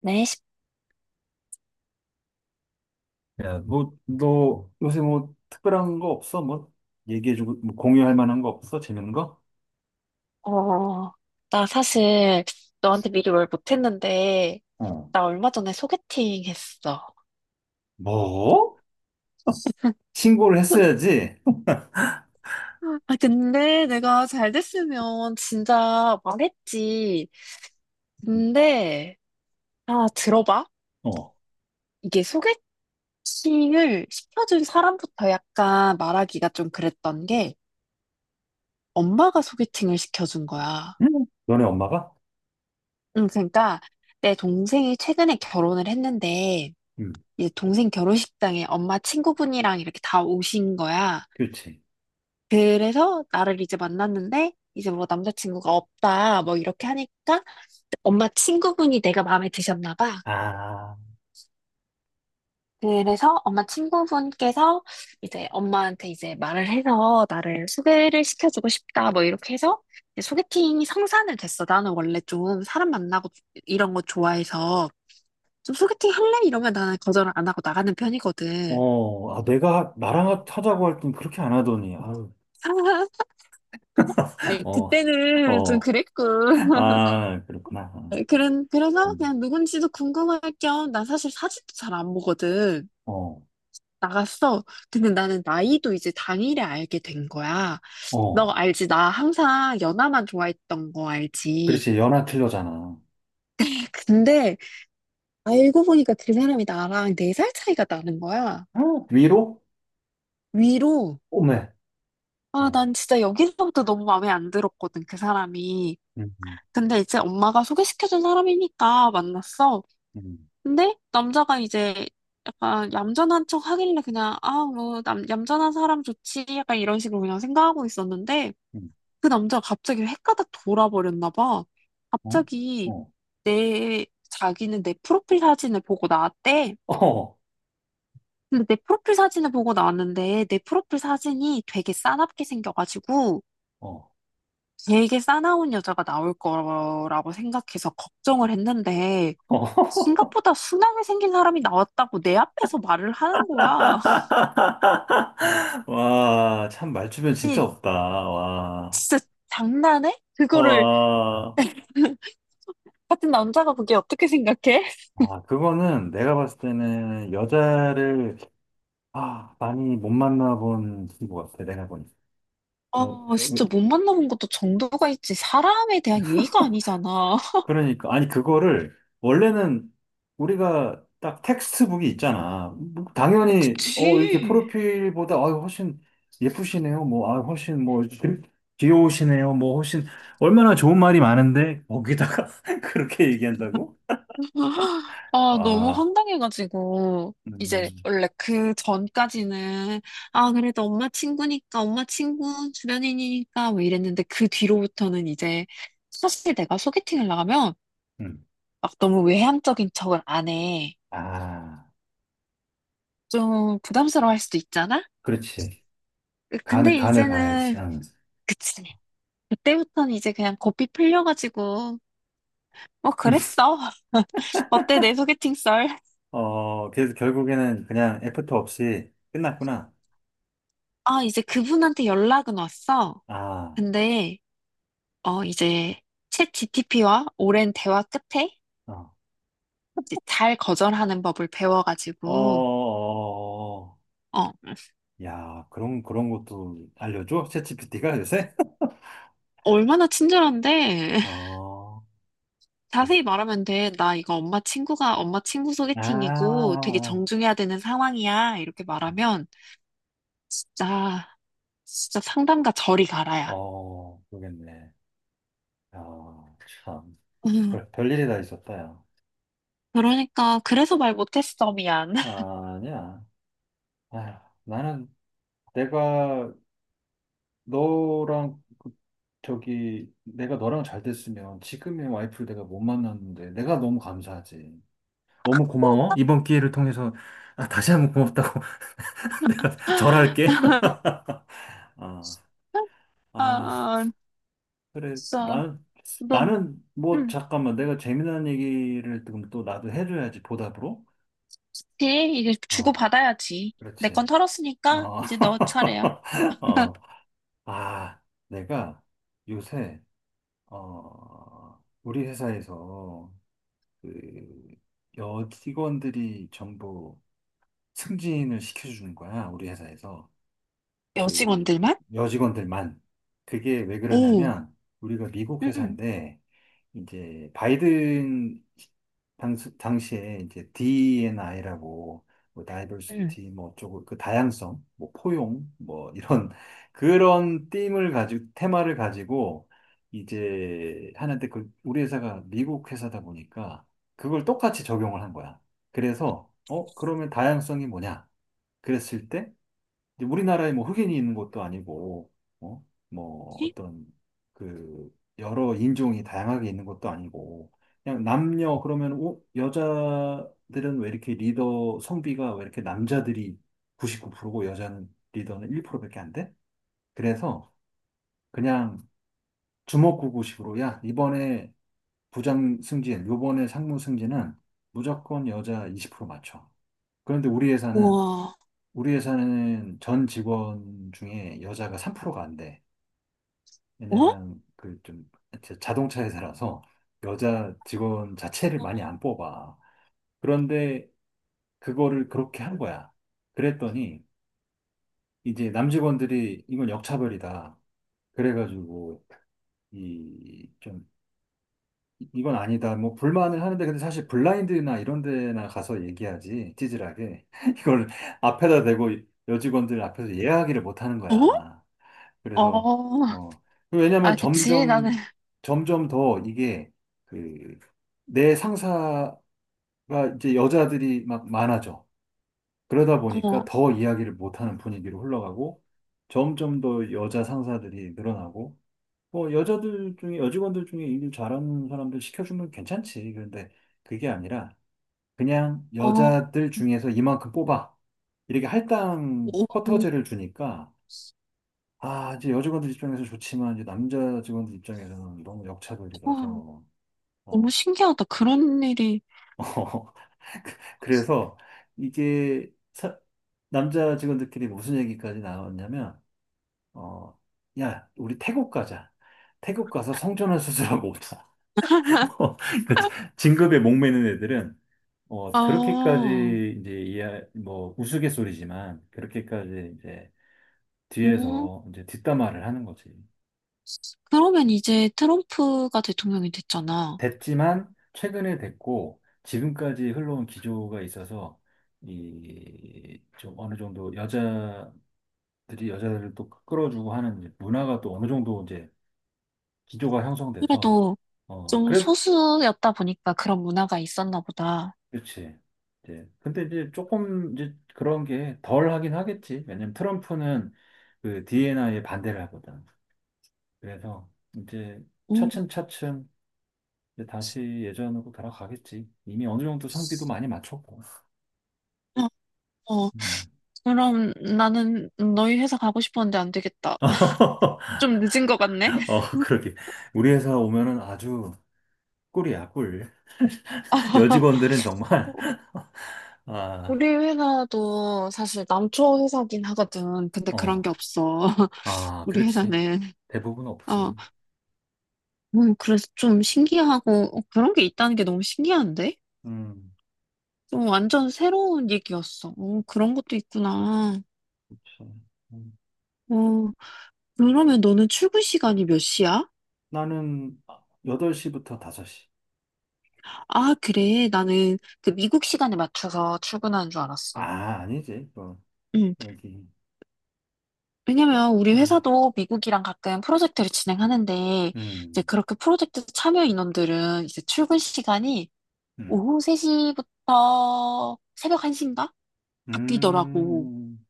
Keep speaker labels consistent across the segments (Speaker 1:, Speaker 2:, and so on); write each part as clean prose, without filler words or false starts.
Speaker 1: 네,
Speaker 2: 야, 뭐, 너 요새 뭐 특별한 거 없어? 뭐 얘기해주고 뭐 공유할 만한 거 없어? 재밌는 거?
Speaker 1: 어, 나 사실 너한테 미리 말 못했는데,
Speaker 2: 어.
Speaker 1: 나 얼마 전에 소개팅 했어.
Speaker 2: 뭐? 신고를 했어야지.
Speaker 1: 아, 근데 내가 잘 됐으면 진짜 말했지. 근데, 아, 들어봐.
Speaker 2: 어,
Speaker 1: 이게 소개팅을 시켜준 사람부터 약간 말하기가 좀 그랬던 게, 엄마가 소개팅을 시켜준 거야.
Speaker 2: 너네 엄마가?
Speaker 1: 응, 그러니까 내 동생이 최근에 결혼을 했는데,
Speaker 2: 응,
Speaker 1: 이제 동생 결혼식장에 엄마 친구분이랑 이렇게 다 오신 거야.
Speaker 2: 그렇지.
Speaker 1: 그래서 나를 이제 만났는데 이제 뭐 남자친구가 없다 뭐 이렇게 하니까 엄마 친구분이 내가 마음에 드셨나 봐.
Speaker 2: 아,
Speaker 1: 그래서 엄마 친구분께서 이제 엄마한테 이제 말을 해서 나를 소개를 시켜주고 싶다 뭐 이렇게 해서 이제 소개팅이 성사는 됐어. 나는 원래 좀 사람 만나고 이런 거 좋아해서 좀 소개팅 할래? 이러면 나는 거절을 안 하고 나가는 편이거든.
Speaker 2: 어, 아, 내가 나랑 하자고 할 땐 그렇게 안 하더니, 아유,
Speaker 1: 아니,
Speaker 2: 어,
Speaker 1: 그때는 좀
Speaker 2: 어,
Speaker 1: 그랬고.
Speaker 2: 아, 그렇구나. 아,
Speaker 1: 그래서
Speaker 2: 음,
Speaker 1: 그냥 누군지도 궁금할 겸, 나 사실 사진도 잘 안 보거든.
Speaker 2: 어,
Speaker 1: 나갔어. 근데 나는 나이도 이제 당일에 알게 된 거야. 너
Speaker 2: 어,
Speaker 1: 알지? 나 항상 연하만 좋아했던 거 알지?
Speaker 2: 그렇지. 연하 틀려잖아.
Speaker 1: 근데 알고 보니까 그 사람이 나랑 네 살 차이가 나는 거야.
Speaker 2: 음. 위로?
Speaker 1: 위로.
Speaker 2: 오메.
Speaker 1: 아,
Speaker 2: 어,
Speaker 1: 난 진짜 여기서부터 너무 마음에 안 들었거든, 그 사람이.
Speaker 2: 음, 음,
Speaker 1: 근데 이제 엄마가 소개시켜준 사람이니까 만났어.
Speaker 2: 음,
Speaker 1: 근데 남자가 이제 약간 얌전한 척 하길래 그냥 아, 뭐, 얌전한 사람 좋지. 약간 이런 식으로 그냥 생각하고 있었는데 그 남자가 갑자기 헷가닥 돌아버렸나 봐.
Speaker 2: 음,
Speaker 1: 갑자기
Speaker 2: 어,
Speaker 1: 내 자기는 내 프로필 사진을 보고 나왔대.
Speaker 2: 어, 어.
Speaker 1: 근데 내 프로필 사진을 보고 나왔는데 내 프로필 사진이 되게 싸납게 생겨가지고
Speaker 2: 어.
Speaker 1: 되게 싸나운 여자가 나올 거라고 생각해서 걱정을 했는데
Speaker 2: 어.
Speaker 1: 생각보다 순하게 생긴 사람이 나왔다고 내 앞에서 말을 하는 거야.
Speaker 2: 와, 참 말주변 진짜
Speaker 1: 아니,
Speaker 2: 없다. 와.
Speaker 1: 진짜 장난해? 그거를
Speaker 2: 와.
Speaker 1: 같은 남자가 그게 어떻게 생각해?
Speaker 2: 아, 그거는 내가 봤을 때는 여자를 아, 많이 못 만나본 친구 같아. 내가 보니.
Speaker 1: 아, 진짜 못 만나본 것도 정도가 있지. 사람에 대한 예의가 아니잖아.
Speaker 2: 그러니까 아니 그거를 원래는 우리가 딱 텍스트북이 있잖아. 뭐 당연히 어 이렇게
Speaker 1: 그치.
Speaker 2: 프로필보다 아 훨씬 예쁘시네요. 뭐 아 훨씬 뭐 귀여우시네요. 뭐 훨씬 얼마나 좋은 말이 많은데 거기다가 그렇게 얘기한다고?
Speaker 1: 아, 너무
Speaker 2: 아,
Speaker 1: 황당해가지고.
Speaker 2: 음,
Speaker 1: 이제 원래 그 전까지는 아 그래도 엄마 친구니까 엄마 친구 주변인이니까 뭐 이랬는데 그 뒤로부터는 이제 사실 내가 소개팅을 나가면
Speaker 2: 음.
Speaker 1: 막 너무 외향적인 척을 안 해.
Speaker 2: 아,
Speaker 1: 좀 부담스러워할 수도 있잖아?
Speaker 2: 그렇지.
Speaker 1: 으, 근데
Speaker 2: 간을 봐야지.
Speaker 1: 이제는,
Speaker 2: 응.
Speaker 1: 그치. 그때부터는 이제 그냥 고삐 풀려가지고, 뭐 그랬어. 어때, 내 소개팅 썰?
Speaker 2: 어, 그래서 결국에는 그냥 애프터 없이 끝났구나.
Speaker 1: 아, 이제 그분한테 연락은 왔어.
Speaker 2: 아,
Speaker 1: 근데, 이제, 챗 GTP와 오랜 대화 끝에
Speaker 2: 어,
Speaker 1: 이제 잘 거절하는 법을
Speaker 2: 어, 어.
Speaker 1: 배워가지고,
Speaker 2: 어, 어.
Speaker 1: 어,
Speaker 2: 야, 그런 것도 알려줘? 챗GPT가 요새?
Speaker 1: 얼마나 친절한데?
Speaker 2: 어, 아,
Speaker 1: 자세히 말하면 돼. 나 이거 엄마 친구가 엄마 친구
Speaker 2: 아,
Speaker 1: 소개팅이고 되게
Speaker 2: 아.
Speaker 1: 정중해야 되는 상황이야. 이렇게 말하면 진짜 진짜 상담가 저리 가라야.
Speaker 2: 어, 모르겠네. 아, 참.
Speaker 1: 음,
Speaker 2: 별일이 다 있었다, 야.
Speaker 1: 그러니까 그래서 말 못했어. 미안.
Speaker 2: 아니야. 아휴, 나는 내가 너랑, 그 저기, 내가 너랑 잘 됐으면 지금의 와이프를 내가 못 만났는데 내가 너무 감사하지. 너무 고마워. 이번 기회를 통해서 아, 다시 한번 고맙다고 내가 절할게. 아, 아.
Speaker 1: 아,
Speaker 2: 그래,
Speaker 1: 진짜
Speaker 2: 나는,
Speaker 1: 너.
Speaker 2: 뭐,
Speaker 1: 응,
Speaker 2: 잠깐만, 내가 재미난 얘기를 지금 또 나도 해줘야지, 보답으로.
Speaker 1: 그치? 이제
Speaker 2: 어,
Speaker 1: 주고받아야지. 내
Speaker 2: 그렇지.
Speaker 1: 건 털었으니까
Speaker 2: 어,
Speaker 1: 이제 너 차례야.
Speaker 2: 어, 아, 내가 요새, 어, 우리 회사에서, 그, 여직원들이 전부 승진을 시켜주는 거야, 우리 회사에서. 그,
Speaker 1: 여직원들만?
Speaker 2: 여직원들만. 그게 왜
Speaker 1: 오,
Speaker 2: 그러냐면, 우리가 미국
Speaker 1: 응,
Speaker 2: 회사인데, 이제 바이든 당시에 이제 D&I라고 뭐
Speaker 1: 응.
Speaker 2: 다이버시티 뭐 쪽을 그 다양성, 뭐 포용 뭐 이런 그런 팀을 가지고 테마를 가지고 이제 하는데 그 우리 회사가 미국 회사다 보니까 그걸 똑같이 적용을 한 거야. 그래서 어 그러면 다양성이 뭐냐? 그랬을 이제 우리나라에 뭐 흑인이 있는 것도 아니고, 어? 뭐 어떤 그 여러 인종이 다양하게 있는 것도 아니고, 그냥 남녀 그러면 어? 여자들은 왜 이렇게 리더 성비가 왜 이렇게 남자들이 99%고 여자는 리더는 1%밖에 안 돼? 그래서 그냥 주먹구구식으로 야 이번에 부장 승진, 요번에 상무 승진은 무조건 여자 20% 맞춰. 그런데 우리 회사는
Speaker 1: 우와,
Speaker 2: 우리 회사는 전 직원 중에 여자가 3%가 안 돼.
Speaker 1: 어?
Speaker 2: 왜냐면 그 좀 자동차 회사라서 여자 직원 자체를 많이 안 뽑아. 그런데 그거를 그렇게 한 거야. 그랬더니 이제 남직원들이 이건 역차별이다. 그래가지고 이 좀 이건 아니다. 뭐 불만을 하는데 근데 사실 블라인드나 이런 데나 가서 얘기하지 찌질하게 이걸 앞에다 대고 여직원들 앞에서 이야기를 못 하는
Speaker 1: 어?
Speaker 2: 거야.
Speaker 1: 어,
Speaker 2: 그래서 어 그
Speaker 1: 아,
Speaker 2: 왜냐면
Speaker 1: 그치. 나는,
Speaker 2: 점점 더 이게 그 내 상사가 이제 여자들이 막 많아져. 그러다 보니까
Speaker 1: 어,
Speaker 2: 더 이야기를 못하는 분위기로 흘러가고 점점 더 여자 상사들이 늘어나고 뭐 여자들 중에 여직원들 중에 일 잘하는 사람들 시켜주면 괜찮지. 그런데 그게 아니라 그냥
Speaker 1: 어,
Speaker 2: 여자들 중에서 이만큼 뽑아. 이렇게 할당
Speaker 1: 오,
Speaker 2: 쿼터제를 주니까 아, 이제 여직원들 입장에서 좋지만, 이제 남자 직원들 입장에서는 너무
Speaker 1: 우와,
Speaker 2: 역차별이라서,
Speaker 1: 너무
Speaker 2: 어.
Speaker 1: 신기하다. 그런 일이.
Speaker 2: 그래서 이게 남자 직원들끼리 무슨 얘기까지 나왔냐면, 어, 야, 우리 태국 가자. 태국 가서 성전환 수술하고 오자. 그 진급에 목매는 애들은, 어,
Speaker 1: 아,
Speaker 2: 그렇게까지 이제 이해, 뭐, 우스갯소리지만, 그렇게까지 이제
Speaker 1: 음,
Speaker 2: 뒤에서 이제 뒷담화를 하는 거지.
Speaker 1: 그러면 이제 트럼프가 대통령이 됐잖아.
Speaker 2: 됐지만 최근에 됐고 지금까지 흘러온 기조가 있어서 이 좀 어느 정도 여자들이 여자들을 또 끌어주고 하는 문화가 또 어느 정도 이제 기조가 형성돼서
Speaker 1: 그래도
Speaker 2: 어
Speaker 1: 좀
Speaker 2: 그래
Speaker 1: 소수였다 보니까 그런 문화가 있었나 보다.
Speaker 2: 그렇지 이제 근데 이제 조금 이제 그런 게 덜 하긴 하겠지 왜냐면 트럼프는 그 DNI 에 반대를 하거든 그래서 이제
Speaker 1: 음,
Speaker 2: 차츰차츰 이제 다시 예전으로 돌아가겠지 이미 어느 정도 성비도 많이 맞췄고
Speaker 1: 어, 어,
Speaker 2: 음.
Speaker 1: 그럼 나는 너희 회사 가고 싶었는데 안 되겠다. 좀 늦은 것 같네?
Speaker 2: 어, 그러게. 우리 회사 오면은 아주 꿀이야, 꿀. 여직원들은
Speaker 1: 어,
Speaker 2: 정말, 아,
Speaker 1: 우리 회사도 사실 남초 회사긴 하거든. 근데 그런 게
Speaker 2: 어,
Speaker 1: 없어.
Speaker 2: 아,
Speaker 1: 우리
Speaker 2: 그렇지.
Speaker 1: 회사는.
Speaker 2: 대부분
Speaker 1: 어
Speaker 2: 없지.
Speaker 1: 그래서 좀 신기하고, 그런 게 있다는 게 너무 신기한데?
Speaker 2: 음,
Speaker 1: 어, 완전 새로운 얘기였어. 어, 그런 것도 있구나.
Speaker 2: 그렇지. 음.
Speaker 1: 어, 그러면 너는 출근 시간이 몇 시야?
Speaker 2: 나는 8시부터 5시.
Speaker 1: 아, 그래. 나는 그 미국 시간에 맞춰서 출근하는 줄
Speaker 2: 아,
Speaker 1: 알았어.
Speaker 2: 아니지. 어,
Speaker 1: 음,
Speaker 2: 여기.
Speaker 1: 왜냐면 우리
Speaker 2: 음,
Speaker 1: 회사도 미국이랑 가끔 프로젝트를 진행하는데, 이제
Speaker 2: 음,
Speaker 1: 그렇게 프로젝트 참여 인원들은 이제 출근 시간이
Speaker 2: 음.
Speaker 1: 오후 3시부터 새벽 1시인가? 바뀌더라고.
Speaker 2: 음.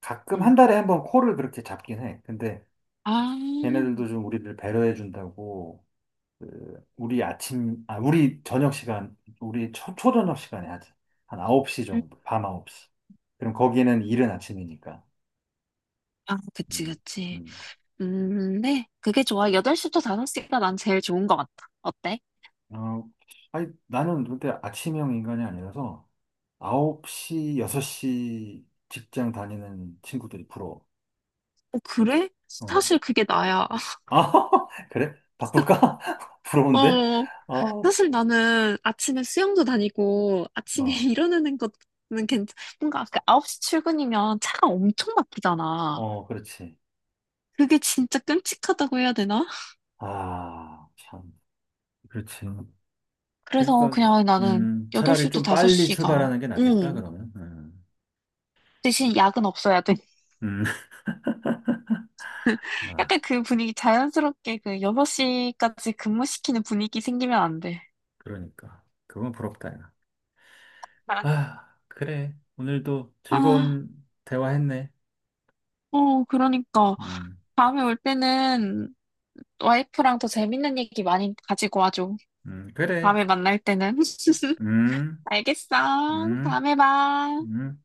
Speaker 2: 가끔 한
Speaker 1: 음.
Speaker 2: 달에 한 번 콜을 그렇게 잡긴 해. 근데
Speaker 1: 아.
Speaker 2: 걔네들도 좀 우리를 배려해 준다고. 그 우리 아침, 아, 우리 저녁 시간, 우리 초저녁 시간에 하지. 한 9시 정도, 밤 9시. 그럼 거기는 이른 아침이니까.
Speaker 1: 아, 그치,
Speaker 2: 음,
Speaker 1: 그치.
Speaker 2: 음.
Speaker 1: 네. 그게 좋아. 8시부터 5시가 난 제일 좋은 것 같아. 어때?
Speaker 2: 어, 아니, 나는 근데 아침형 인간이 아니라서 9시, 6시 직장 다니는 친구들이 부러워.
Speaker 1: 어, 그래?
Speaker 2: 어.
Speaker 1: 사실 그게 나야.
Speaker 2: 아, 그래? 바꿀까? 부러운데?
Speaker 1: 어,
Speaker 2: 아, 어,
Speaker 1: 사실 나는 아침에 수영도 다니고 아침에 일어나는 것는 괜찮, 뭔가 그 9시 출근이면 차가 엄청 막히잖아.
Speaker 2: 어, 그렇지.
Speaker 1: 그게 진짜 끔찍하다고 해야 되나?
Speaker 2: 아, 참. 그렇지.
Speaker 1: 그래서
Speaker 2: 그러니까
Speaker 1: 그냥 나는
Speaker 2: 차라리
Speaker 1: 8시부터
Speaker 2: 좀 빨리
Speaker 1: 5시가,
Speaker 2: 출발하는 게 낫겠다
Speaker 1: 응.
Speaker 2: 그러면. 음.
Speaker 1: 대신 약은 없어야 돼.
Speaker 2: 음. 아,
Speaker 1: 약간 그 분위기 자연스럽게 그 6시까지 근무시키는 분위기 생기면 안 돼.
Speaker 2: 그러니까 그건 부럽다 야.
Speaker 1: 아,
Speaker 2: 아, 그래. 오늘도
Speaker 1: 아,
Speaker 2: 즐거운 대화했네.
Speaker 1: 그러니까.
Speaker 2: 음.
Speaker 1: 다음에 올 때는 와이프랑 더 재밌는 얘기 많이 가지고 와줘.
Speaker 2: 그래.
Speaker 1: 다음에 만날 때는.
Speaker 2: 음.
Speaker 1: 알겠어.
Speaker 2: 음.
Speaker 1: 다음에 봐.
Speaker 2: 음.